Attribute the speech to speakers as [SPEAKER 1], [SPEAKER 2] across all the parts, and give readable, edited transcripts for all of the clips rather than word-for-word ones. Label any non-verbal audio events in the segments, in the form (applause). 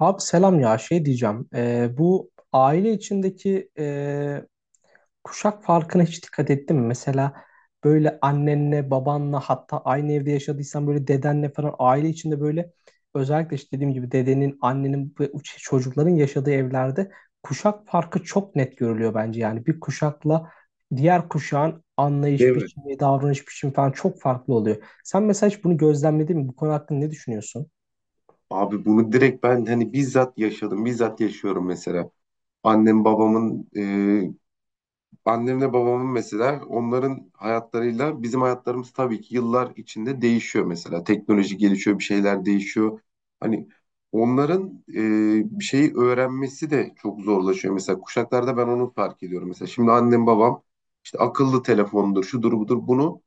[SPEAKER 1] Abi, selam ya. Şey diyeceğim. Bu aile içindeki kuşak farkına hiç dikkat ettin mi? Mesela böyle annenle babanla, hatta aynı evde yaşadıysan böyle dedenle falan, aile içinde böyle özellikle işte dediğim gibi dedenin, annenin ve çocukların yaşadığı evlerde kuşak farkı çok net görülüyor bence. Yani bir kuşakla diğer kuşağın
[SPEAKER 2] Değil
[SPEAKER 1] anlayış
[SPEAKER 2] mi?
[SPEAKER 1] biçimi, davranış biçimi falan çok farklı oluyor. Sen mesela hiç bunu gözlemledin mi? Bu konu hakkında ne düşünüyorsun?
[SPEAKER 2] Abi bunu direkt ben hani bizzat yaşadım, bizzat yaşıyorum mesela. Annem babamın, e, Annemle babamın mesela onların hayatlarıyla bizim hayatlarımız tabii ki yıllar içinde değişiyor mesela. Teknoloji gelişiyor, bir şeyler değişiyor. Hani onların bir şeyi öğrenmesi de çok zorlaşıyor. Mesela kuşaklarda ben onu fark ediyorum. Mesela şimdi annem babam işte akıllı telefondur, şudur budur bunu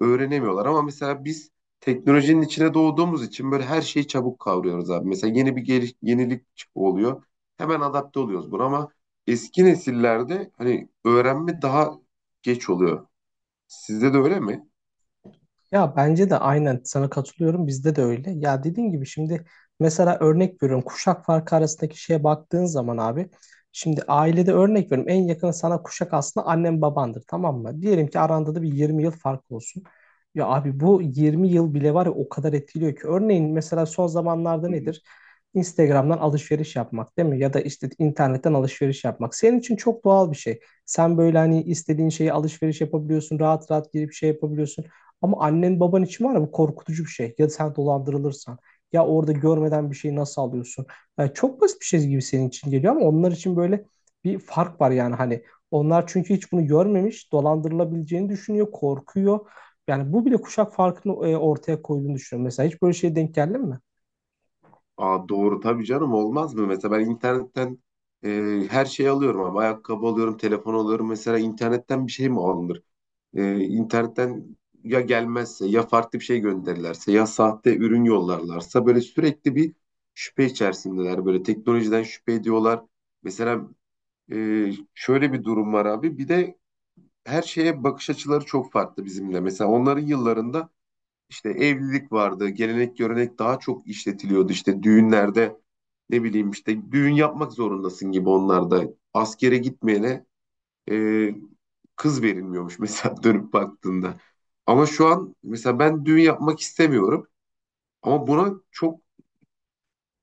[SPEAKER 2] öğrenemiyorlar. Ama mesela biz teknolojinin içine doğduğumuz için böyle her şeyi çabuk kavruyoruz abi. Mesela yeni bir yenilik oluyor. Hemen adapte oluyoruz buna ama eski nesillerde hani öğrenme daha geç oluyor. Sizde de öyle mi?
[SPEAKER 1] Ya bence de aynen sana katılıyorum. Bizde de öyle. Ya dediğin gibi şimdi mesela örnek veriyorum. Kuşak farkı arasındaki şeye baktığın zaman abi. Şimdi ailede örnek veriyorum. En yakın sana kuşak aslında annen babandır, tamam mı? Diyelim ki aranda da bir 20 yıl fark olsun. Ya abi bu 20 yıl bile var ya, o kadar etkiliyor ki. Örneğin mesela son zamanlarda
[SPEAKER 2] Hı hı.
[SPEAKER 1] nedir? Instagram'dan alışveriş yapmak değil mi? Ya da işte internetten alışveriş yapmak. Senin için çok doğal bir şey. Sen böyle hani istediğin şeyi alışveriş yapabiliyorsun. Rahat rahat girip şey yapabiliyorsun. Ama annen baban için var ya, bu korkutucu bir şey. Ya sen dolandırılırsan, ya orada görmeden bir şeyi nasıl alıyorsun? Yani çok basit bir şey gibi senin için geliyor ama onlar için böyle bir fark var. Yani hani onlar çünkü hiç bunu görmemiş, dolandırılabileceğini düşünüyor, korkuyor. Yani bu bile kuşak farkını ortaya koyduğunu düşünüyorum. Mesela hiç böyle şeye denk geldin mi?
[SPEAKER 2] Aa, doğru tabii canım olmaz mı? Mesela ben internetten e, her şeyi alıyorum ama ayakkabı alıyorum, telefon alıyorum. Mesela internetten bir şey mi alınır? İnternetten ya gelmezse ya farklı bir şey gönderirlerse ya sahte ürün yollarlarsa böyle sürekli bir şüphe içerisindeler. Böyle teknolojiden şüphe ediyorlar. Mesela şöyle bir durum var abi. Bir de her şeye bakış açıları çok farklı bizimle. Mesela onların yıllarında işte evlilik vardı. Gelenek görenek daha çok işletiliyordu. İşte düğünlerde ne bileyim işte düğün yapmak zorundasın gibi onlarda. Askere gitmeyene e, kız verilmiyormuş mesela (laughs) dönüp baktığında. Ama şu an mesela ben düğün yapmak istemiyorum ama buna çok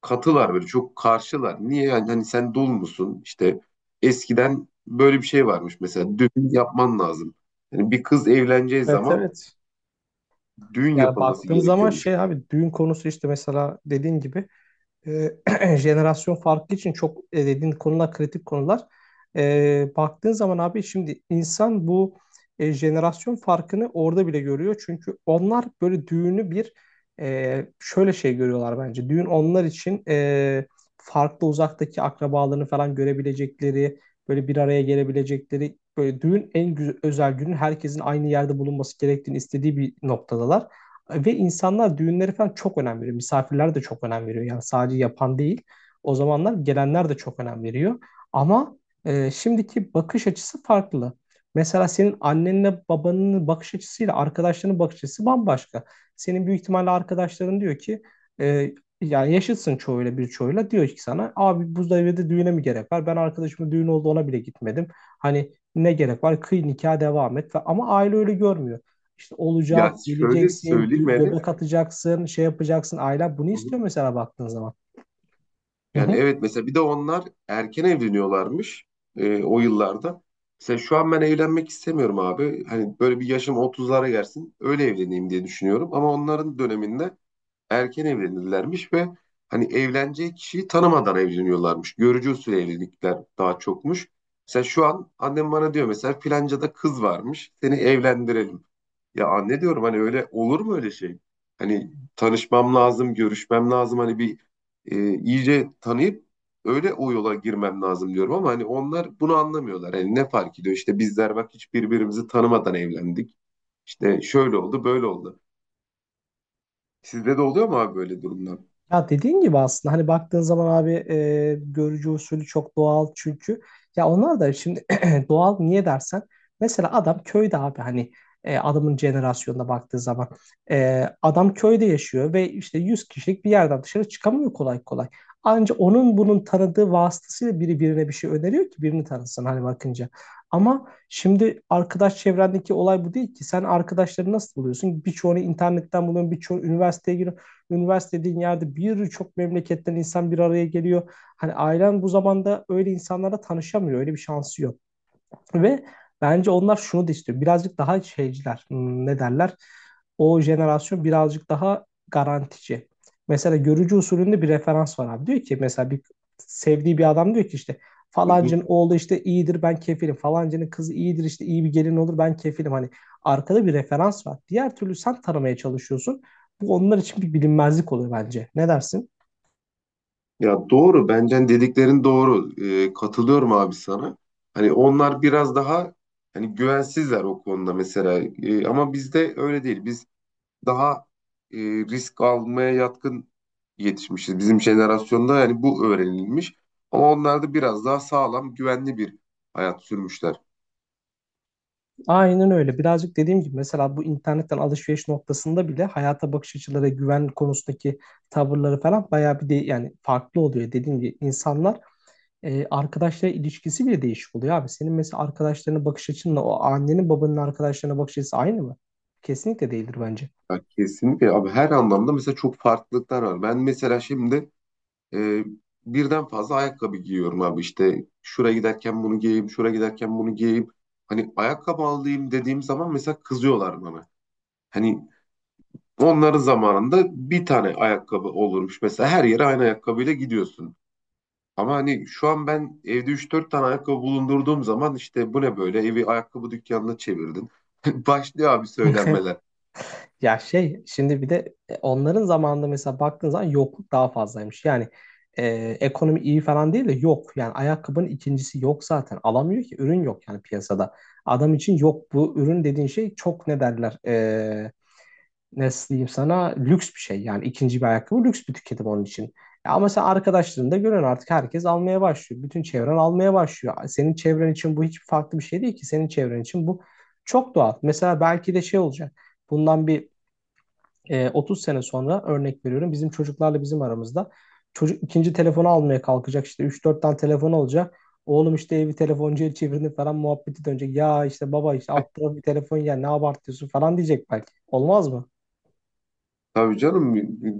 [SPEAKER 2] katılar böyle çok karşılar. Niye yani hani sen dul musun işte eskiden böyle bir şey varmış mesela düğün yapman lazım. Yani bir kız evleneceği
[SPEAKER 1] Evet,
[SPEAKER 2] zaman
[SPEAKER 1] evet.
[SPEAKER 2] düğün
[SPEAKER 1] Yani
[SPEAKER 2] yapılması
[SPEAKER 1] baktığın zaman
[SPEAKER 2] gerekiyormuş.
[SPEAKER 1] şey abi, düğün konusu işte mesela dediğin gibi e, (clears throat) jenerasyon farkı için çok dediğin konular kritik konular. E, baktığın zaman abi şimdi insan bu jenerasyon farkını orada bile görüyor. Çünkü onlar böyle düğünü bir şöyle şey görüyorlar bence. Düğün onlar için farklı, uzaktaki akrabalarını falan görebilecekleri, böyle bir araya gelebilecekleri, böyle düğün en güzel, özel günün herkesin aynı yerde bulunması gerektiğini istediği bir noktadalar. Ve insanlar düğünleri falan çok önem veriyor. Misafirler de çok önem veriyor. Yani sadece yapan değil. O zamanlar gelenler de çok önem veriyor. Ama şimdiki bakış açısı farklı. Mesela senin annenle babanın bakış açısıyla arkadaşlarının bakış açısı bambaşka. Senin büyük ihtimalle arkadaşların diyor ki e, yani yaşıtsın çoğuyla, bir çoğuyla diyor ki sana, abi bu düğüne mi gerek var? Ben arkadaşımın düğün oldu, ona bile gitmedim. Hani ne gerek var? Kıy nikah, devam et. Ama aile öyle görmüyor. İşte
[SPEAKER 2] Ya
[SPEAKER 1] olacak,
[SPEAKER 2] şöyle
[SPEAKER 1] geleceksin,
[SPEAKER 2] söyleyeyim Enes.
[SPEAKER 1] göbek atacaksın, şey yapacaksın. Ailen bunu istiyor mesela baktığın zaman. Hı
[SPEAKER 2] Yani
[SPEAKER 1] hı.
[SPEAKER 2] evet mesela bir de onlar erken evleniyorlarmış, o yıllarda. Mesela şu an ben evlenmek istemiyorum abi. Hani böyle bir yaşım 30'lara gelsin öyle evleneyim diye düşünüyorum. Ama onların döneminde erken evlenirlermiş ve hani evleneceği kişiyi tanımadan evleniyorlarmış. Görücü usulü evlilikler daha çokmuş. Mesela şu an annem bana diyor mesela filancada kız varmış seni evlendirelim. Ya anne diyorum hani öyle olur mu öyle şey? Hani tanışmam lazım, görüşmem lazım. Hani bir iyice tanıyıp öyle o yola girmem lazım diyorum ama hani onlar bunu anlamıyorlar. Hani ne fark ediyor? İşte bizler bak hiç birbirimizi tanımadan evlendik. İşte şöyle oldu, böyle oldu. Sizde de oluyor mu abi böyle durumlar?
[SPEAKER 1] Ya dediğin gibi aslında hani baktığın zaman abi, görücü usulü çok doğal. Çünkü ya onlar da şimdi (clears throat) doğal, niye dersen mesela adam köyde abi. Hani adamın jenerasyonuna baktığı zaman adam köyde yaşıyor ve işte 100 kişilik bir yerden dışarı çıkamıyor kolay kolay. Anca onun bunun tanıdığı vasıtasıyla biri birine bir şey öneriyor ki birini tanısın hani bakınca. Ama şimdi arkadaş çevrendeki olay bu değil ki. Sen arkadaşları nasıl buluyorsun? Birçoğunu internetten buluyorsun, birçoğu üniversiteye giriyor. Üniversite dediğin yerde birçok memleketten insan bir araya geliyor. Hani ailen bu zamanda öyle insanlara tanışamıyor. Öyle bir şansı yok. Ve bence onlar şunu da istiyor. Birazcık daha şeyciler. Ne derler? O jenerasyon birazcık daha garantici. Mesela görücü usulünde bir referans var abi. Diyor ki mesela bir sevdiği bir adam diyor ki işte
[SPEAKER 2] Hı hı.
[SPEAKER 1] falancının oğlu işte iyidir, ben kefilim. Falancının kızı iyidir, işte iyi bir gelin olur, ben kefilim. Hani arkada bir referans var. Diğer türlü sen tanımaya çalışıyorsun. Bu onlar için bir bilinmezlik oluyor bence. Ne dersin?
[SPEAKER 2] Ya doğru, bence dediklerin doğru. Katılıyorum abi sana. Hani onlar biraz daha hani güvensizler o konuda mesela. Ama bizde öyle değil. Biz daha risk almaya yatkın yetişmişiz. Bizim jenerasyonda yani bu öğrenilmiş. Ama onlar da biraz daha sağlam, güvenli bir hayat sürmüşler.
[SPEAKER 1] Aynen öyle. Birazcık dediğim gibi mesela bu internetten alışveriş noktasında bile hayata bakış açıları, güven konusundaki tavırları falan bayağı bir de yani farklı oluyor. Dediğim gibi insanlar arkadaşlar ilişkisi bile değişik oluyor abi. Senin mesela arkadaşlarına bakış açınla o annenin babanın arkadaşlarına bakış açısı aynı mı? Kesinlikle değildir bence.
[SPEAKER 2] Ya kesinlikle abi her anlamda mesela çok farklılıklar var. Ben mesela şimdi e, birden fazla ayakkabı giyiyorum abi. İşte şuraya giderken bunu giyeyim, şuraya giderken bunu giyeyim. Hani ayakkabı alayım dediğim zaman mesela kızıyorlar bana. Hani onların zamanında bir tane ayakkabı olurmuş. Mesela her yere aynı ayakkabıyla gidiyorsun. Ama hani şu an ben evde üç dört tane ayakkabı bulundurduğum zaman işte bu ne böyle evi ayakkabı dükkanına çevirdin. (laughs) Başlıyor abi söylenmeler.
[SPEAKER 1] (laughs) Ya şey şimdi bir de onların zamanında mesela baktığın zaman yokluk daha fazlaymış. Yani e, ekonomi iyi falan değil de yok. Yani ayakkabının ikincisi yok zaten. Alamıyor ki, ürün yok yani piyasada. Adam için yok, bu ürün dediğin şey çok, ne derler nasıl diyeyim sana, lüks bir şey. Yani ikinci bir ayakkabı lüks bir tüketim onun için. Ya ama sen arkadaşlarında görüyorsun, artık herkes almaya başlıyor. Bütün çevren almaya başlıyor. Senin çevren için bu hiç farklı bir şey değil ki. Senin çevren için bu çok doğal. Mesela belki de şey olacak. Bundan bir 30 sene sonra örnek veriyorum, bizim çocuklarla bizim aramızda çocuk ikinci telefonu almaya kalkacak, işte 3-4 tane telefon olacak. Oğlum işte evi telefoncuya çevirdi falan muhabbeti dönecek. Ya işte baba, işte alt tarafı bir telefon ya, ne abartıyorsun falan diyecek belki. Olmaz mı?
[SPEAKER 2] Tabii canım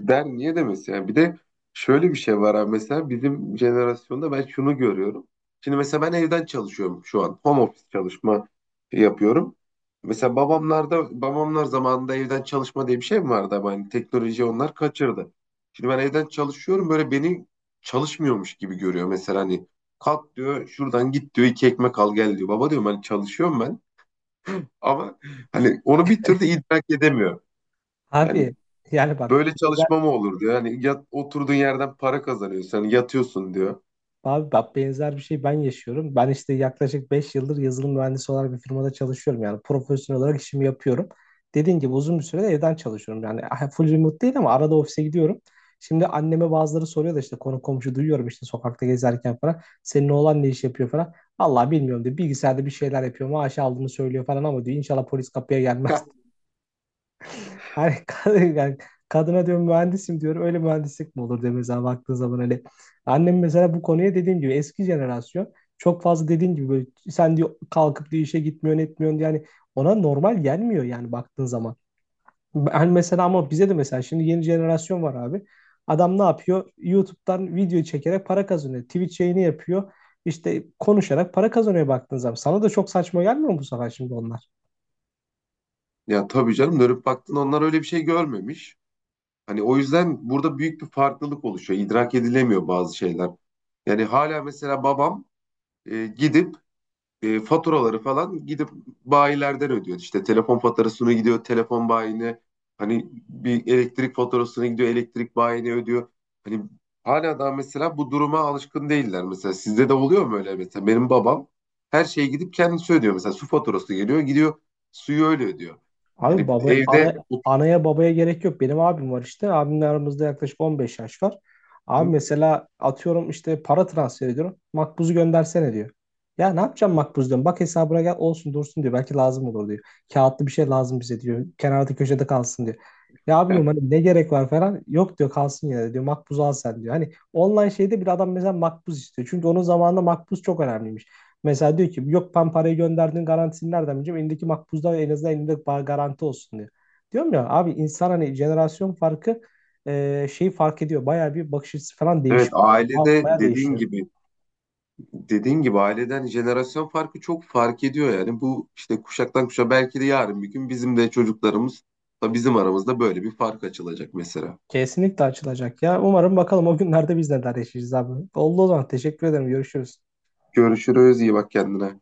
[SPEAKER 2] der niye demesi yani bir de şöyle bir şey var abi mesela bizim jenerasyonda ben şunu görüyorum. Şimdi mesela ben evden çalışıyorum şu an home office çalışma yapıyorum. Mesela babamlar zamanında evden çalışma diye bir şey mi vardı ama hani teknoloji onlar kaçırdı. Şimdi ben evden çalışıyorum böyle beni çalışmıyormuş gibi görüyor mesela hani kalk diyor şuradan git diyor iki ekmek al gel diyor. Baba diyorum hani çalışıyorum ben ama hani onu bir türlü idrak edemiyor. Yani
[SPEAKER 1] Abi yani bak
[SPEAKER 2] böyle çalışma mı olur diyor. Yani yat, oturduğun yerden para kazanıyorsun. Hani yatıyorsun diyor.
[SPEAKER 1] Abi, bak, benzer bir şey ben yaşıyorum. Ben işte yaklaşık 5 yıldır yazılım mühendisi olarak bir firmada çalışıyorum. Yani profesyonel olarak işimi yapıyorum. Dediğim gibi uzun bir sürede evden çalışıyorum. Yani ah, full remote değil ama arada ofise gidiyorum. Şimdi anneme bazıları soruyor da işte, konu komşu duyuyorum işte sokakta gezerken falan. Senin oğlan ne iş yapıyor falan. Allah, bilmiyorum diyor. Bilgisayarda bir şeyler yapıyor. Maaş aldığını söylüyor falan ama diyor inşallah polis kapıya gelmez.
[SPEAKER 2] (laughs)
[SPEAKER 1] Hani (laughs) kadın, yani kadına diyorum mühendisim diyorum. Öyle mühendislik mi olur diyor mesela baktığın zaman hani. Annem mesela bu konuya dediğim gibi, eski jenerasyon çok fazla dediğim gibi, böyle sen diyor kalkıp diyor işe gitmiyorsun, etmiyorsun diyor. Yani ona normal gelmiyor yani baktığın zaman. Ben mesela, ama bize de mesela şimdi yeni jenerasyon var abi. Adam ne yapıyor? YouTube'dan video çekerek para kazanıyor. Twitch yayını yapıyor. İşte konuşarak para kazanıyor baktığın zaman. Sana da çok saçma gelmiyor mu bu sefer şimdi onlar?
[SPEAKER 2] Ya tabii canım dönüp baktın onlar öyle bir şey görmemiş. Hani o yüzden burada büyük bir farklılık oluşuyor. İdrak edilemiyor bazı şeyler. Yani hala mesela babam gidip faturaları falan gidip bayilerden ödüyor. İşte telefon faturasını gidiyor telefon bayine. Hani bir elektrik faturasını gidiyor elektrik bayine ödüyor. Hani hala daha mesela bu duruma alışkın değiller. Mesela sizde de oluyor mu öyle mesela? Benim babam her şeye gidip kendisi ödüyor. Mesela su faturası geliyor gidiyor suyu öyle ödüyor.
[SPEAKER 1] Abi
[SPEAKER 2] Yani
[SPEAKER 1] baba
[SPEAKER 2] evde
[SPEAKER 1] ana, anaya babaya gerek yok. Benim abim var işte. Abimle aramızda yaklaşık 15 yaş var. Abi mesela atıyorum işte para transfer ediyorum. Makbuzu göndersene diyor. Ya ne yapacağım makbuzdan? Bak hesabına gel olsun dursun diyor. Belki lazım olur diyor. Kağıtlı bir şey lazım bize diyor. Kenarda köşede kalsın diyor. Ya abi diyorum
[SPEAKER 2] (laughs)
[SPEAKER 1] hani ne gerek var falan. Yok diyor, kalsın yine de diyor. Makbuzu al sen diyor. Hani online şeyde bir adam mesela makbuz istiyor. Çünkü onun zamanında makbuz çok önemliymiş. Mesela diyor ki yok, ben parayı gönderdiğin garantisini nereden bileceğim? Elindeki makbuzda en azından elinde garanti olsun diyor. Diyorum ya abi, insan hani jenerasyon farkı şeyi fark ediyor. Bayağı bir bakış açısı falan
[SPEAKER 2] evet
[SPEAKER 1] değişiyor.
[SPEAKER 2] ailede
[SPEAKER 1] Bayağı
[SPEAKER 2] dediğin
[SPEAKER 1] değişiyor.
[SPEAKER 2] gibi dediğin gibi aileden jenerasyon farkı çok fark ediyor yani. Bu işte kuşaktan kuşa belki de yarın bir gün bizim de çocuklarımız da bizim aramızda böyle bir fark açılacak mesela.
[SPEAKER 1] Kesinlikle açılacak ya. Umarım bakalım o günlerde biz neler yaşayacağız abi. Oldu o zaman. Teşekkür ederim. Görüşürüz.
[SPEAKER 2] Görüşürüz, iyi bak kendine.